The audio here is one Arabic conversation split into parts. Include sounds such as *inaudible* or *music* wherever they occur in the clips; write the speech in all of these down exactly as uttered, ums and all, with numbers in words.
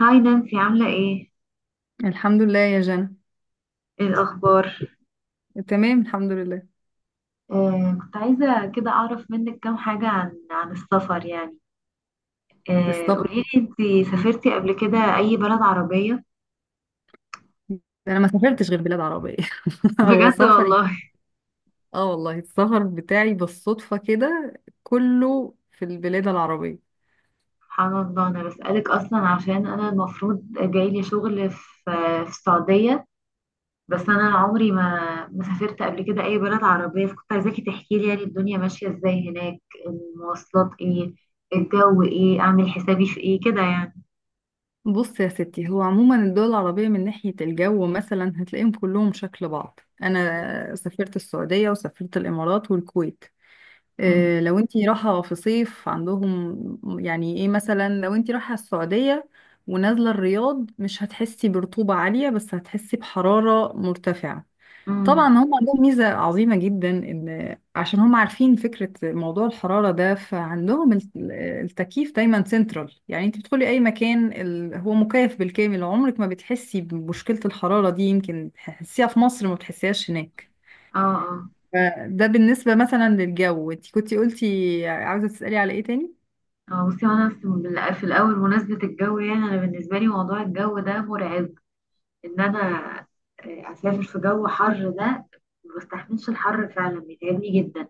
هاي نانسي، عاملة ايه؟ الحمد لله يا جنى. ايه الأخبار؟ تمام الحمد لله. آه كنت عايزة كده أعرف منك كام حاجة عن عن السفر يعني. آه السفر، قوليلي، انتي سافرتي قبل كده أي بلد عربية؟ انا ما سافرتش غير بلاد عربيه. *laughs* *laughs* هو بجد سفري والله. اه والله السفر بتاعي بالصدفه كده، كله في البلاد العربيه. سبحان الله، أنا بسألك أصلا عشان أنا المفروض جايلي شغل في في السعودية. بس أنا عمري ما ما سافرت قبل كده أي بلد عربية، فكنت عايزاكي تحكيلي يعني الدنيا ماشية ازاي هناك، المواصلات ايه، الجو ايه، أعمل حسابي في ايه كده يعني. بص يا ستي، هو عموما الدول العربيه من ناحيه الجو مثلا هتلاقيهم كلهم شكل بعض. انا سافرت السعوديه وسافرت الامارات والكويت. إيه، امم. لو انتي رايحة في صيف عندهم، يعني ايه مثلا، لو انتي رايحة السعودية ونازلة الرياض مش هتحسي برطوبة عالية، بس هتحسي بحرارة مرتفعة. امم. طبعا هم عندهم ميزة عظيمة جدا ان عشان هم عارفين فكرة موضوع الحرارة ده، فعندهم الت- التكييف دايما سنترال، يعني انتي بتدخلي اي مكان ال- هو مكيف بالكامل، عمرك ما بتحسي بمشكلة الحرارة دي. يمكن تحسيها في مصر، ما بتحسيهاش هناك. اه. اه. ده بالنسبة مثلا للجو. انت كنتي قلتي عاوزة تسألي على ايه تاني؟ اه. بصي انا في في الاول، مناسبه الجو، يعني انا بالنسبه لي موضوع الجو ده مرعب. ان انا آه، اسافر في جو حر ده، ما بستحملش الحر، فعلا بيتعبني جدا.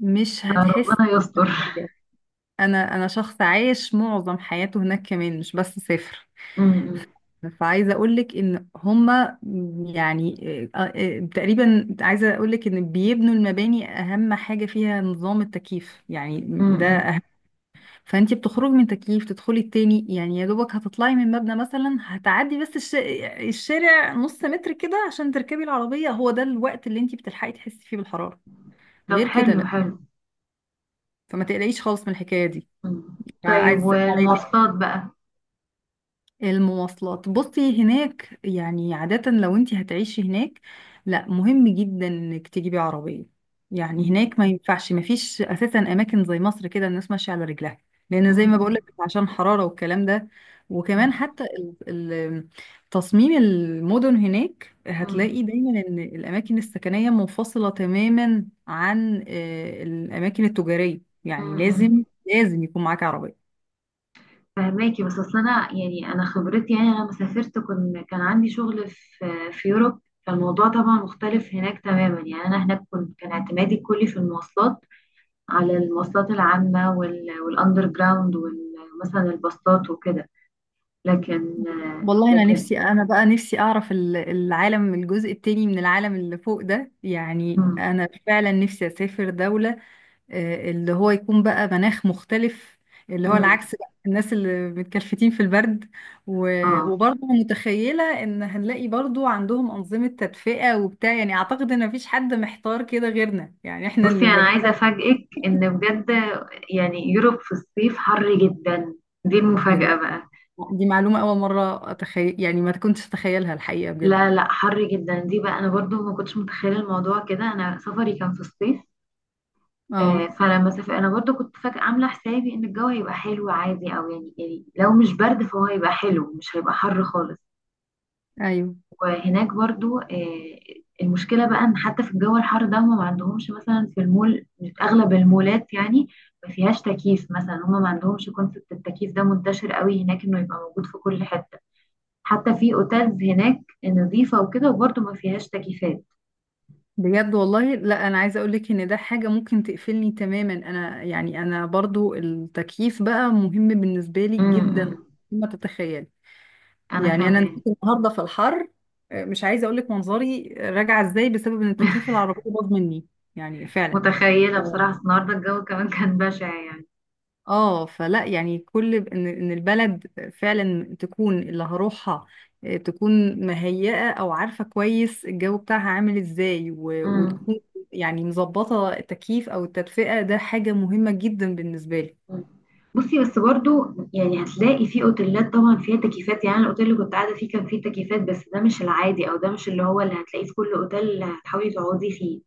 مش هتحسي ربنا يستر. بحاجة. انا انا شخص عايش معظم حياته هناك، كمان مش بس سافر. م-. م-. فعايزة اقولك ان هما يعني آه، آه، تقريبا عايزة اقولك ان بيبنوا المباني اهم حاجة فيها نظام التكييف، م-. يعني ده. م. فانتي بتخرجي من تكييف تدخلي التاني، يعني يا دوبك هتطلعي من مبنى مثلا، هتعدي بس الش... الشارع نص متر كده عشان تركبي العربية. هو ده الوقت اللي انتي بتلحقي تحسي فيه بالحرارة، طب، غير كده حلو لا. حلو. فما تقلقيش خالص من الحكاية دي. م. طيب عايز تسألي عليا؟ والمواصلات بقى. المواصلات، بصي هناك يعني عادة لو انت هتعيشي هناك لا، مهم جدا انك تجيبي عربية. يعني هناك م-. ما ينفعش، ما فيش اساسا اماكن زي مصر كده الناس ماشية على رجلها، لان زي ما م-. بقولك عشان حرارة والكلام ده. وكمان م-. حتى ال- ال- تصميم المدن هناك م-. هتلاقي دايما ان الاماكن السكنية منفصلة تماما عن آه، الاماكن التجارية. م-. يعني لازم م-. لازم يكون معاك عربية. فهماكي، بس اصل انا يعني، انا خبرتي يعني، انا لما سافرت كن كان عندي شغل في في يوروب، فالموضوع طبعا مختلف هناك تماما. يعني انا هناك كنت كان اعتمادي كلي في المواصلات، على المواصلات العامة وال- والاندر جراوند، ومثلا الباصات وكده. لكن والله انا لكن نفسي، انا بقى نفسي اعرف ال- العالم، الجزء التاني من العالم اللي فوق ده. يعني مم. انا فعلا نفسي اسافر دولة آه، اللي هو يكون بقى مناخ مختلف، اللي هو مم. العكس بقى، الناس اللي متكلفتين في البرد. و- اه، وبرضه متخيلة ان هنلاقي برضه عندهم انظمة تدفئة وبتاع. يعني اعتقد ان مفيش حد محتار كده غيرنا، يعني احنا بصي اللي ما انا عايزة بقينا. افاجئك ان بجد، يعني يوروب في الصيف حر جدا. دي المفاجأة بجد؟ بقى. دي معلومة اول مرة اتخيل، يعني ما كنتش اتخيلها الحقيقة بجد. لا لا، حر جدا. دي بقى انا برضو ما كنتش متخيله الموضوع كده، انا سفري كان في الصيف. آه، اه. فلما سافر انا برضو كنت فاكره، عامله حسابي ان الجو هيبقى حلو عادي، او يعني يعني لو مش برد فهو هيبقى حلو، مش هيبقى حر خالص. ايوه. وهناك برضو آه، المشكله بقى ان حتى في الجو الحر ده، هم ما عندهمش مثلا في المول، اغلب المولات يعني ما فيهاش تكييف. مثلا هم ما عندهمش كونسبت التكييف ده منتشر قوي هناك، انه يبقى موجود في كل حته. حتى في اوتيلز هناك نظيفه وكده، وبرضو ما فيهاش تكييفات. بجد والله؟ لا انا عايزه اقولك ان ده حاجه ممكن تقفلني تماما، انا يعني انا برضو التكييف بقى مهم بالنسبه لي جدا. امم ما تتخيل، انا يعني انا كمان. نزلت النهارده في الحر، آه، مش عايزه اقولك منظري راجعه ازاي بسبب ان التكييف *laughs* العربيه باظ مني، يعني فعلا. متخيله بصراحه، أصل النهارده الجو كمان كان بشع يعني. اه. فلا يعني كل ان ان البلد فعلا تكون اللي هروحها آه، تكون مهيئة او عارفة كويس الجو بتاعها عامل ازاي، و- امم وتكون يعني مظبطة التكييف او التدفئة. ده حاجة مهمة جدا بالنسبة لي. بصي، بس برضو يعني هتلاقي في اوتيلات طبعا فيها تكييفات، يعني الاوتيل اللي كنت قاعده فيه كان فيه تكييفات، بس ده مش العادي، او ده مش اللي هو اللي هتلاقيه في كل اوتيل اللي هتحاولي تقعدي فيه.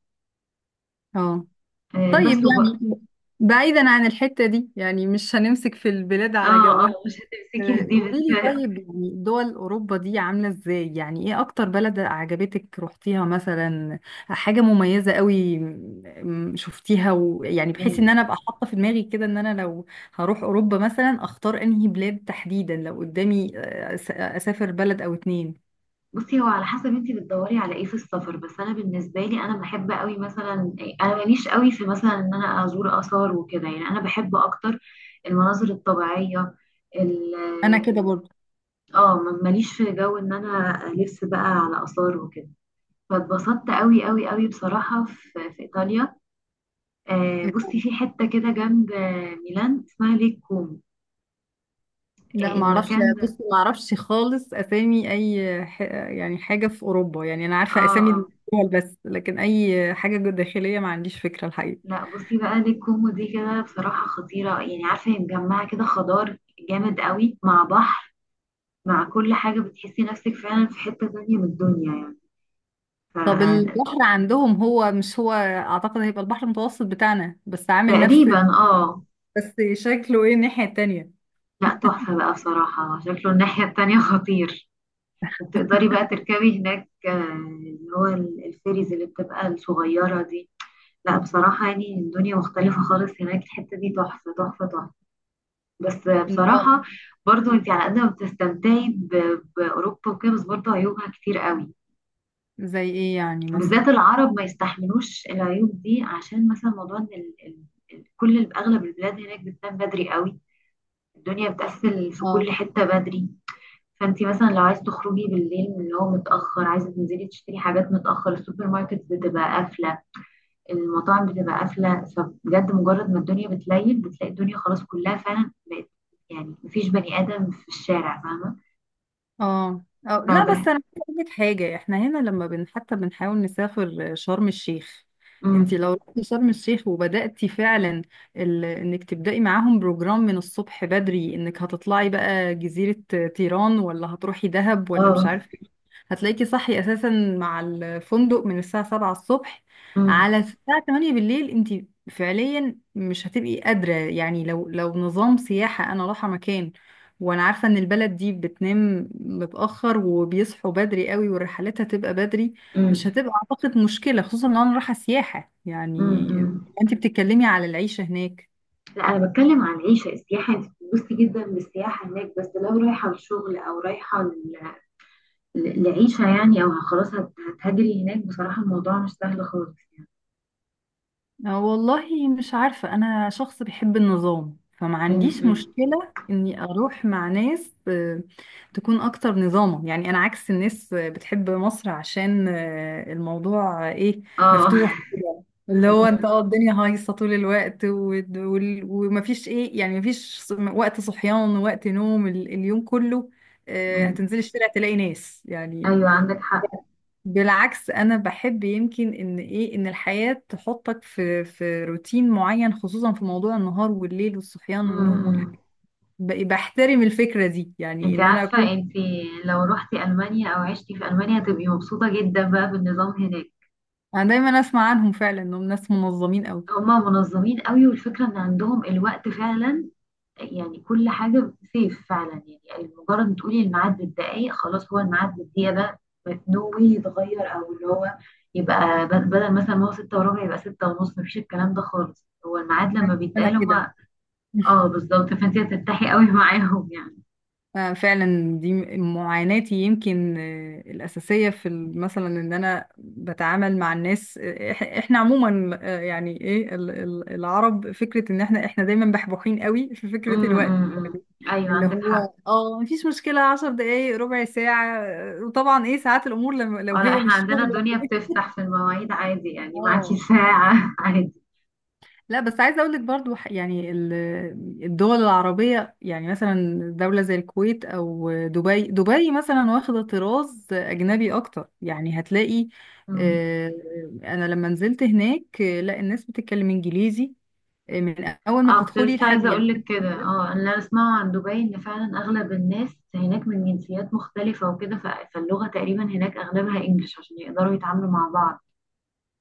اه. آه طيب بس وبقى. يعني بعيدا عن الحتة دي، يعني مش هنمسك في البلاد على اه جوها. اه، مش هتمسكي في آه، دي قولي بس. لي *laughs* طيب، يعني دول أوروبا دي عاملة ازاي؟ يعني ايه أكتر بلد عجبتك روحتيها مثلا؟ حاجة مميزة قوي م- م- شفتيها، ويعني بحيث ان مم. انا ابقى حاطة في دماغي كده ان انا لو هروح أوروبا مثلا اختار انهي بلاد تحديدا لو قدامي آه، أس- اسافر بلد او اتنين. بصي، هو على حسب انتي بتدوري على ايه في السفر، بس انا بالنسبه لي انا بحب قوي مثلا، انا ماليش قوي في مثلا ان انا ازور اثار وكده، يعني انا بحب اكتر المناظر الطبيعيه. ال انا كده ال- برضه. اه ما- ماليش في جو ان انا الف بقى على اثار وكده. فاتبسطت قوي قوي قوي بصراحه في, في ايطاليا. آه بصي، في حته كده جنب آه، ميلان، اسمها ليك كومو. آه لا ما اعرفش. المكان ده. بصي ما اعرفش خالص اسامي اي ح... يعني حاجة في أوروبا. يعني انا عارفة اه. اسامي آه. الدول بس، لكن اي حاجة داخلية ما عنديش فكرة الحقيقة. لا، بصي بقى دي الكومبو دي كده بصراحة خطيرة. يعني عارفة هي مجمعة كده خضار جامد قوي، مع بحر، مع كل حاجة. بتحسي نفسك فعلا في حتة تانية من الدنيا يعني. طب البحر عندهم هو مش هو اعتقد هيبقى البحر المتوسط بتاعنا؟ بس عامل نفس فتقريبا اه. بس، شكله ايه الناحية التانية؟ لا، تحفة بقى بصراحة، شكله الناحية التانية خطير. وبتقدري بقى تركبي هناك آه، اللي هو ال- الفيريز اللي بتبقى الصغيرة دي. لا بصراحة، يعني الدنيا مختلفة خالص هناك، الحتة دي تحفة تحفة تحفة. بس طيب. بصراحة، برضو انت على قد ما بتستمتعي ب- بأوروبا وكده، بس برضو عيوبها كتير قوي. زي ايه يعني مثلا؟ بالذات العرب ما يستحملوش العيوب دي، عشان مثلا موضوع ان ال- ال- ال- كل ال- اغلب البلاد هناك بتنام بدري قوي، الدنيا بتقفل في اه كل حتة بدري. فانت مثلا لو عايز تخرجي بالليل، من اللي هو متأخر، عايزة تنزلي تشتري حاجات متأخر، السوبر ماركت بتبقى قافلة، المطاعم بتبقى قافلة. فبجد مجرد ما الدنيا بتليل بتلاقي الدنيا خلاص كلها فعلا بقت، يعني مفيش بني آدم في الشارع، فاهمة؟ اه. أو لا، رابح. بس انا عايزة اقول لك حاجه، احنا هنا لما بن حتى بنحاول نسافر شرم الشيخ، انت إمم. لو رحتي شرم الشيخ وبداتي فعلا ال... انك تبداي معاهم بروجرام من الصبح بدري، انك هتطلعي بقى جزيره تيران ولا هتروحي دهب ولا مش آه. عارفه ايه، هتلاقيكي صحي اساسا مع الفندق من الساعه سبعة الصبح إمم. على الساعه تمانية بالليل. انت فعليا مش هتبقي قادره. يعني لو لو نظام سياحه انا رايحه مكان وانا عارفة ان البلد دي بتنام متأخر وبيصحوا بدري قوي والرحلات هتبقى بدري، مش إمم. هتبقى اعتقد مشكلة، خصوصا لو انا رايحة سياحة إمم، يعني. إمم. انت بتتكلمي على العيشة هناك. لأ، أنا باتكلّم عن العيشة. السياحة أنتِ بتتبسطي جدًا بالسياحة هناك، بس لو رايحة لشغل، أو رايحة ل ل لعيشة يعني، أو خلاص هت هتهاجري هناك، بصراحة الموضوع مش سهل خالص. آه، والله مش عارفة، أنا شخص بيحب النظام، فما إمم، عنديش إمم. مشكلة إني أروح مع ناس آه، تكون أكتر نظاما. يعني أنا عكس الناس آه، بتحب مصر عشان آه، الموضوع آه، إيه، آه. مفتوح كده، *laughs* إمم، اللي هو أنت إمم، اه الدنيا هايصة طول الوقت، ود- وال- ومفيش إيه، يعني مفيش ص- وقت صحيان ووقت نوم، ال- اليوم كله آه، إمم. هتنزلي الشارع تلاقي ناس يعني. أيوه عندِك حق. بالعكس انا بحب يمكن ان ايه، ان الحياة تحطك في في روتين معين خصوصا في موضوع النهار والليل والصحيان إمم، والنوم إمم. والحاجات. ب- بحترم الفكرة دي، يعني أنتِ ان انا اكون. عارفة، أنتِ لو رُحتِ ألمانيا أو عِشتِ في ألمانيا هتبقي مبسوطة جدًا بقى بالنظام هناك. انا دايما اسمع عنهم فعلا انهم ناس منظمين قوي. هم منظمين أوي، والفكرة إن عندهم الوقت فعلًا. يعني كل حاجة سيف فعلا، يعني مجرد ما تقولي الميعاد بالدقايق خلاص هو الميعاد بالدقيقة ده، نو واي يتغير، أو اللي هو يبقى ب- بدل مثلا ما هو ستة وربع يبقى ستة ونص، مفيش الكلام ده خالص، هو الميعاد لما انا بيتقال كده. هما. اه، *laughs* بالظبط، فانت هتتحي قوي *laughs* معاهم يعني. آه، فعلا دي معاناتي يمكن آه، الأساسية في ال- مثلا إن أنا بتعامل مع الناس آه، إح- إحنا عموما آه، يعني إيه ال- ال- العرب، فكرة إن إحنا إحنا دايما بحبوحين قوي في فكرة الوقت، امم، ايوه اللي عندك هو حق. اه مفيش مشكلة عشر دقايق ربع ساعة آه، وطبعا ايه ساعات الأمور لما لو اه، لا هي احنا مش شغل عندنا ولا الدنيا كده. بتفتح في المواعيد عادي، يعني معاكي اه. ساعة *laughs* عادي. لا بس عايزة أقول لك برضو ح- يعني ال- الدول العربية، يعني مثلا دولة زي الكويت أو دبي. دبي مثلا واخدة طراز أجنبي أكتر، يعني هتلاقي مم. آه، أنا لما نزلت هناك آه، لا، الناس بتتكلم إنجليزي آه، من اول ما اه، كنت بتدخلي لسه لحد عايزه يعني. اقول لك كده، اه اللي انا اسمعه عن دبي ان فعلا اغلب الناس هناك من جنسيات مختلفه وكده، ف- فاللغه تقريبا هناك اغلبها انجلش عشان يقدروا يتعاملوا مع بعض.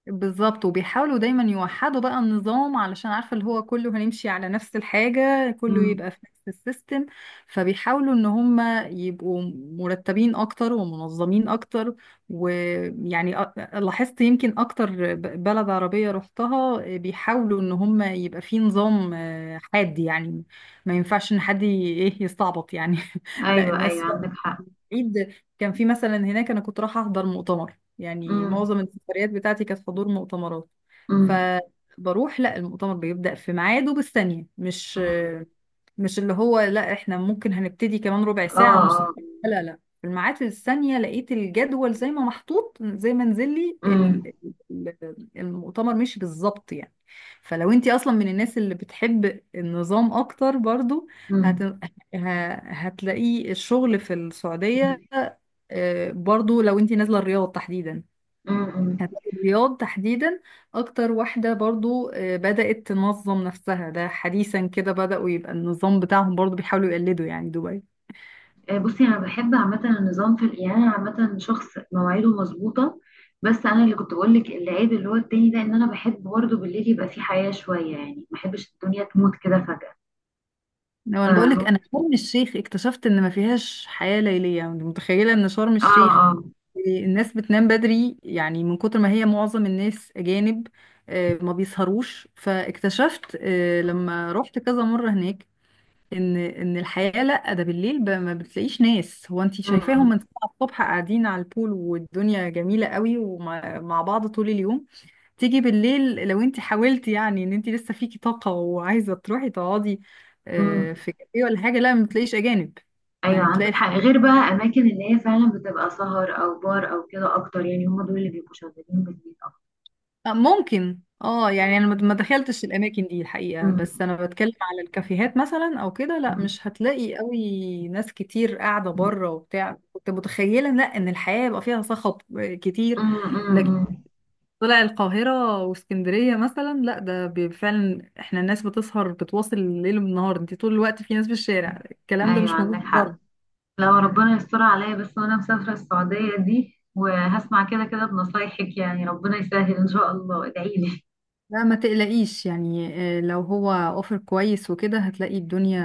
بالظبط. وبيحاولوا دايما يوحدوا بقى النظام، علشان عارفة اللي هو كله هنمشي على نفس الحاجة، كله امم، يبقى في نفس السيستم. فبيحاولوا ان هم يبقوا مرتبين اكتر ومنظمين اكتر. ويعني أ- لاحظت يمكن اكتر ب- بلد عربية رحتها بيحاولوا ان هم يبقى في نظام آه، حاد يعني، ما ينفعش ان حد ي- ايه يستعبط يعني *laughs* لا ايوه ايوه الناس عندك حق. عيد. كان في مثلا هناك، انا كنت رايحه احضر مؤتمر، يعني امم. معظم السفريات بتاعتي كانت حضور مؤتمرات. امم. فبروح، لا المؤتمر بيبدأ في ميعاده بالثانية، مش أمم. مش اللي هو لا احنا ممكن هنبتدي كمان ربع اه. ساعة نص اه. ساعة. لا لا في الميعاد في الثانية لقيت الجدول زي ما محطوط، زي ما نزل لي امم. ال- ال- المؤتمر مشي بالظبط يعني. فلو انت اصلا من الناس اللي بتحب النظام اكتر برضو هت... امم. ه- هتلاقي الشغل في امم. السعودية آه، برضو لو انت نازلة الرياض تحديدا. أمم. كانت الرياض تحديدا اكتر واحدة برضو آه، بدأت تنظم نفسها، ده حديثا كده بدأوا يبقى النظام بتاعهم، برضو بيحاولوا يقلدوا يعني دبي. آه، بصي انا بحب عامه النظام في، يعني انا عامه شخص مواعيده مظبوطه. بس انا اللي كنت بقول لك العيب اللي هو التاني ده، ان انا بحب برضه بالليل يبقى في حياه شويه، يعني ما بحبش الدنيا تموت كده فجاه. لو انا بقولك فهو. انا شرم الشيخ اكتشفت ان ما فيهاش حياة ليلية، يعني متخيلة ان شرم اه. الشيخ اه. آه، الناس بتنام بدري يعني من كتر ما هي معظم الناس اجانب آه، ما بيسهروش. فاكتشفت آه، لما رحت كذا مرة هناك ان ان الحياه لا ده بالليل ب- ما بتلاقيش ناس. هو انت شايفاهم من امم. سبعة الصبح قاعدين على البول والدنيا جميله قوي ومع مع بعض طول اليوم. تيجي بالليل لو انت حاولتي يعني ان انت لسه فيكي طاقه وعايزه تروحي تقعدي امم. آه، في كافيه ولا حاجه، لا ما بتلاقيش اجانب. ايوه يعني بتلاقي عندك الحاجة حق. غير بقى اماكن اللي هي فعلا بتبقى سهر او بار او كده اكتر، يعني هم دول اللي بيبقوا شغالين بالليل اكتر. آه، ممكن اه يعني انا ما ما دخلتش الاماكن دي الحقيقه، بس امم. انا بتكلم على الكافيهات مثلا او كده، لا امم. مش هتلاقي قوي ناس كتير قاعده بره وبتاع. كنت متخيله لا ان الحياه يبقى فيها صخب كتير لكن. امم. طلع القاهره واسكندريه مثلا، لا ده بي- فعلا احنا الناس بتسهر بتواصل الليل والنهار، انت طول الوقت في ناس في الشارع. الكلام ده ايوه مش عندك موجود. حق. لو ربنا يستر عليا بس وانا مسافره السعوديه دي، وهسمع كده كده بنصايحك، يعني ربنا يسهل ان شاء الله، ادعي لي. لا ما تقلقيش يعني آه، لو هو اوفر كويس وكده هتلاقي الدنيا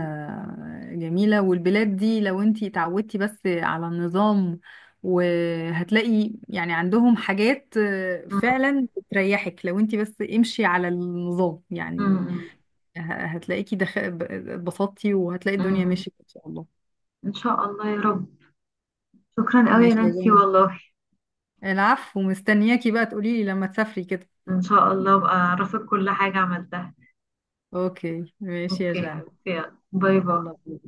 جميلة، والبلاد دي لو انتي اتعودتي بس على النظام وهتلاقي يعني عندهم حاجات آه، امم. فعلا بتريحك، لو انتي بس امشي على النظام يعني امم. ه- هتلاقيكي دخ... ب- اتبسطتي وهتلاقي الدنيا امم. مشيت ان شاء الله. ان شاء الله يا رب. شكرا قوي يا ماشي يا نانسي جان، والله. العفو. مستنياكي بقى تقوليلي لما تسافري كده. إن شاء الله أبقى أعرفك كل حاجة عملتها. اوكي ماشي يا أوكي جان. حبيبتي يلا. باي باي. يلا.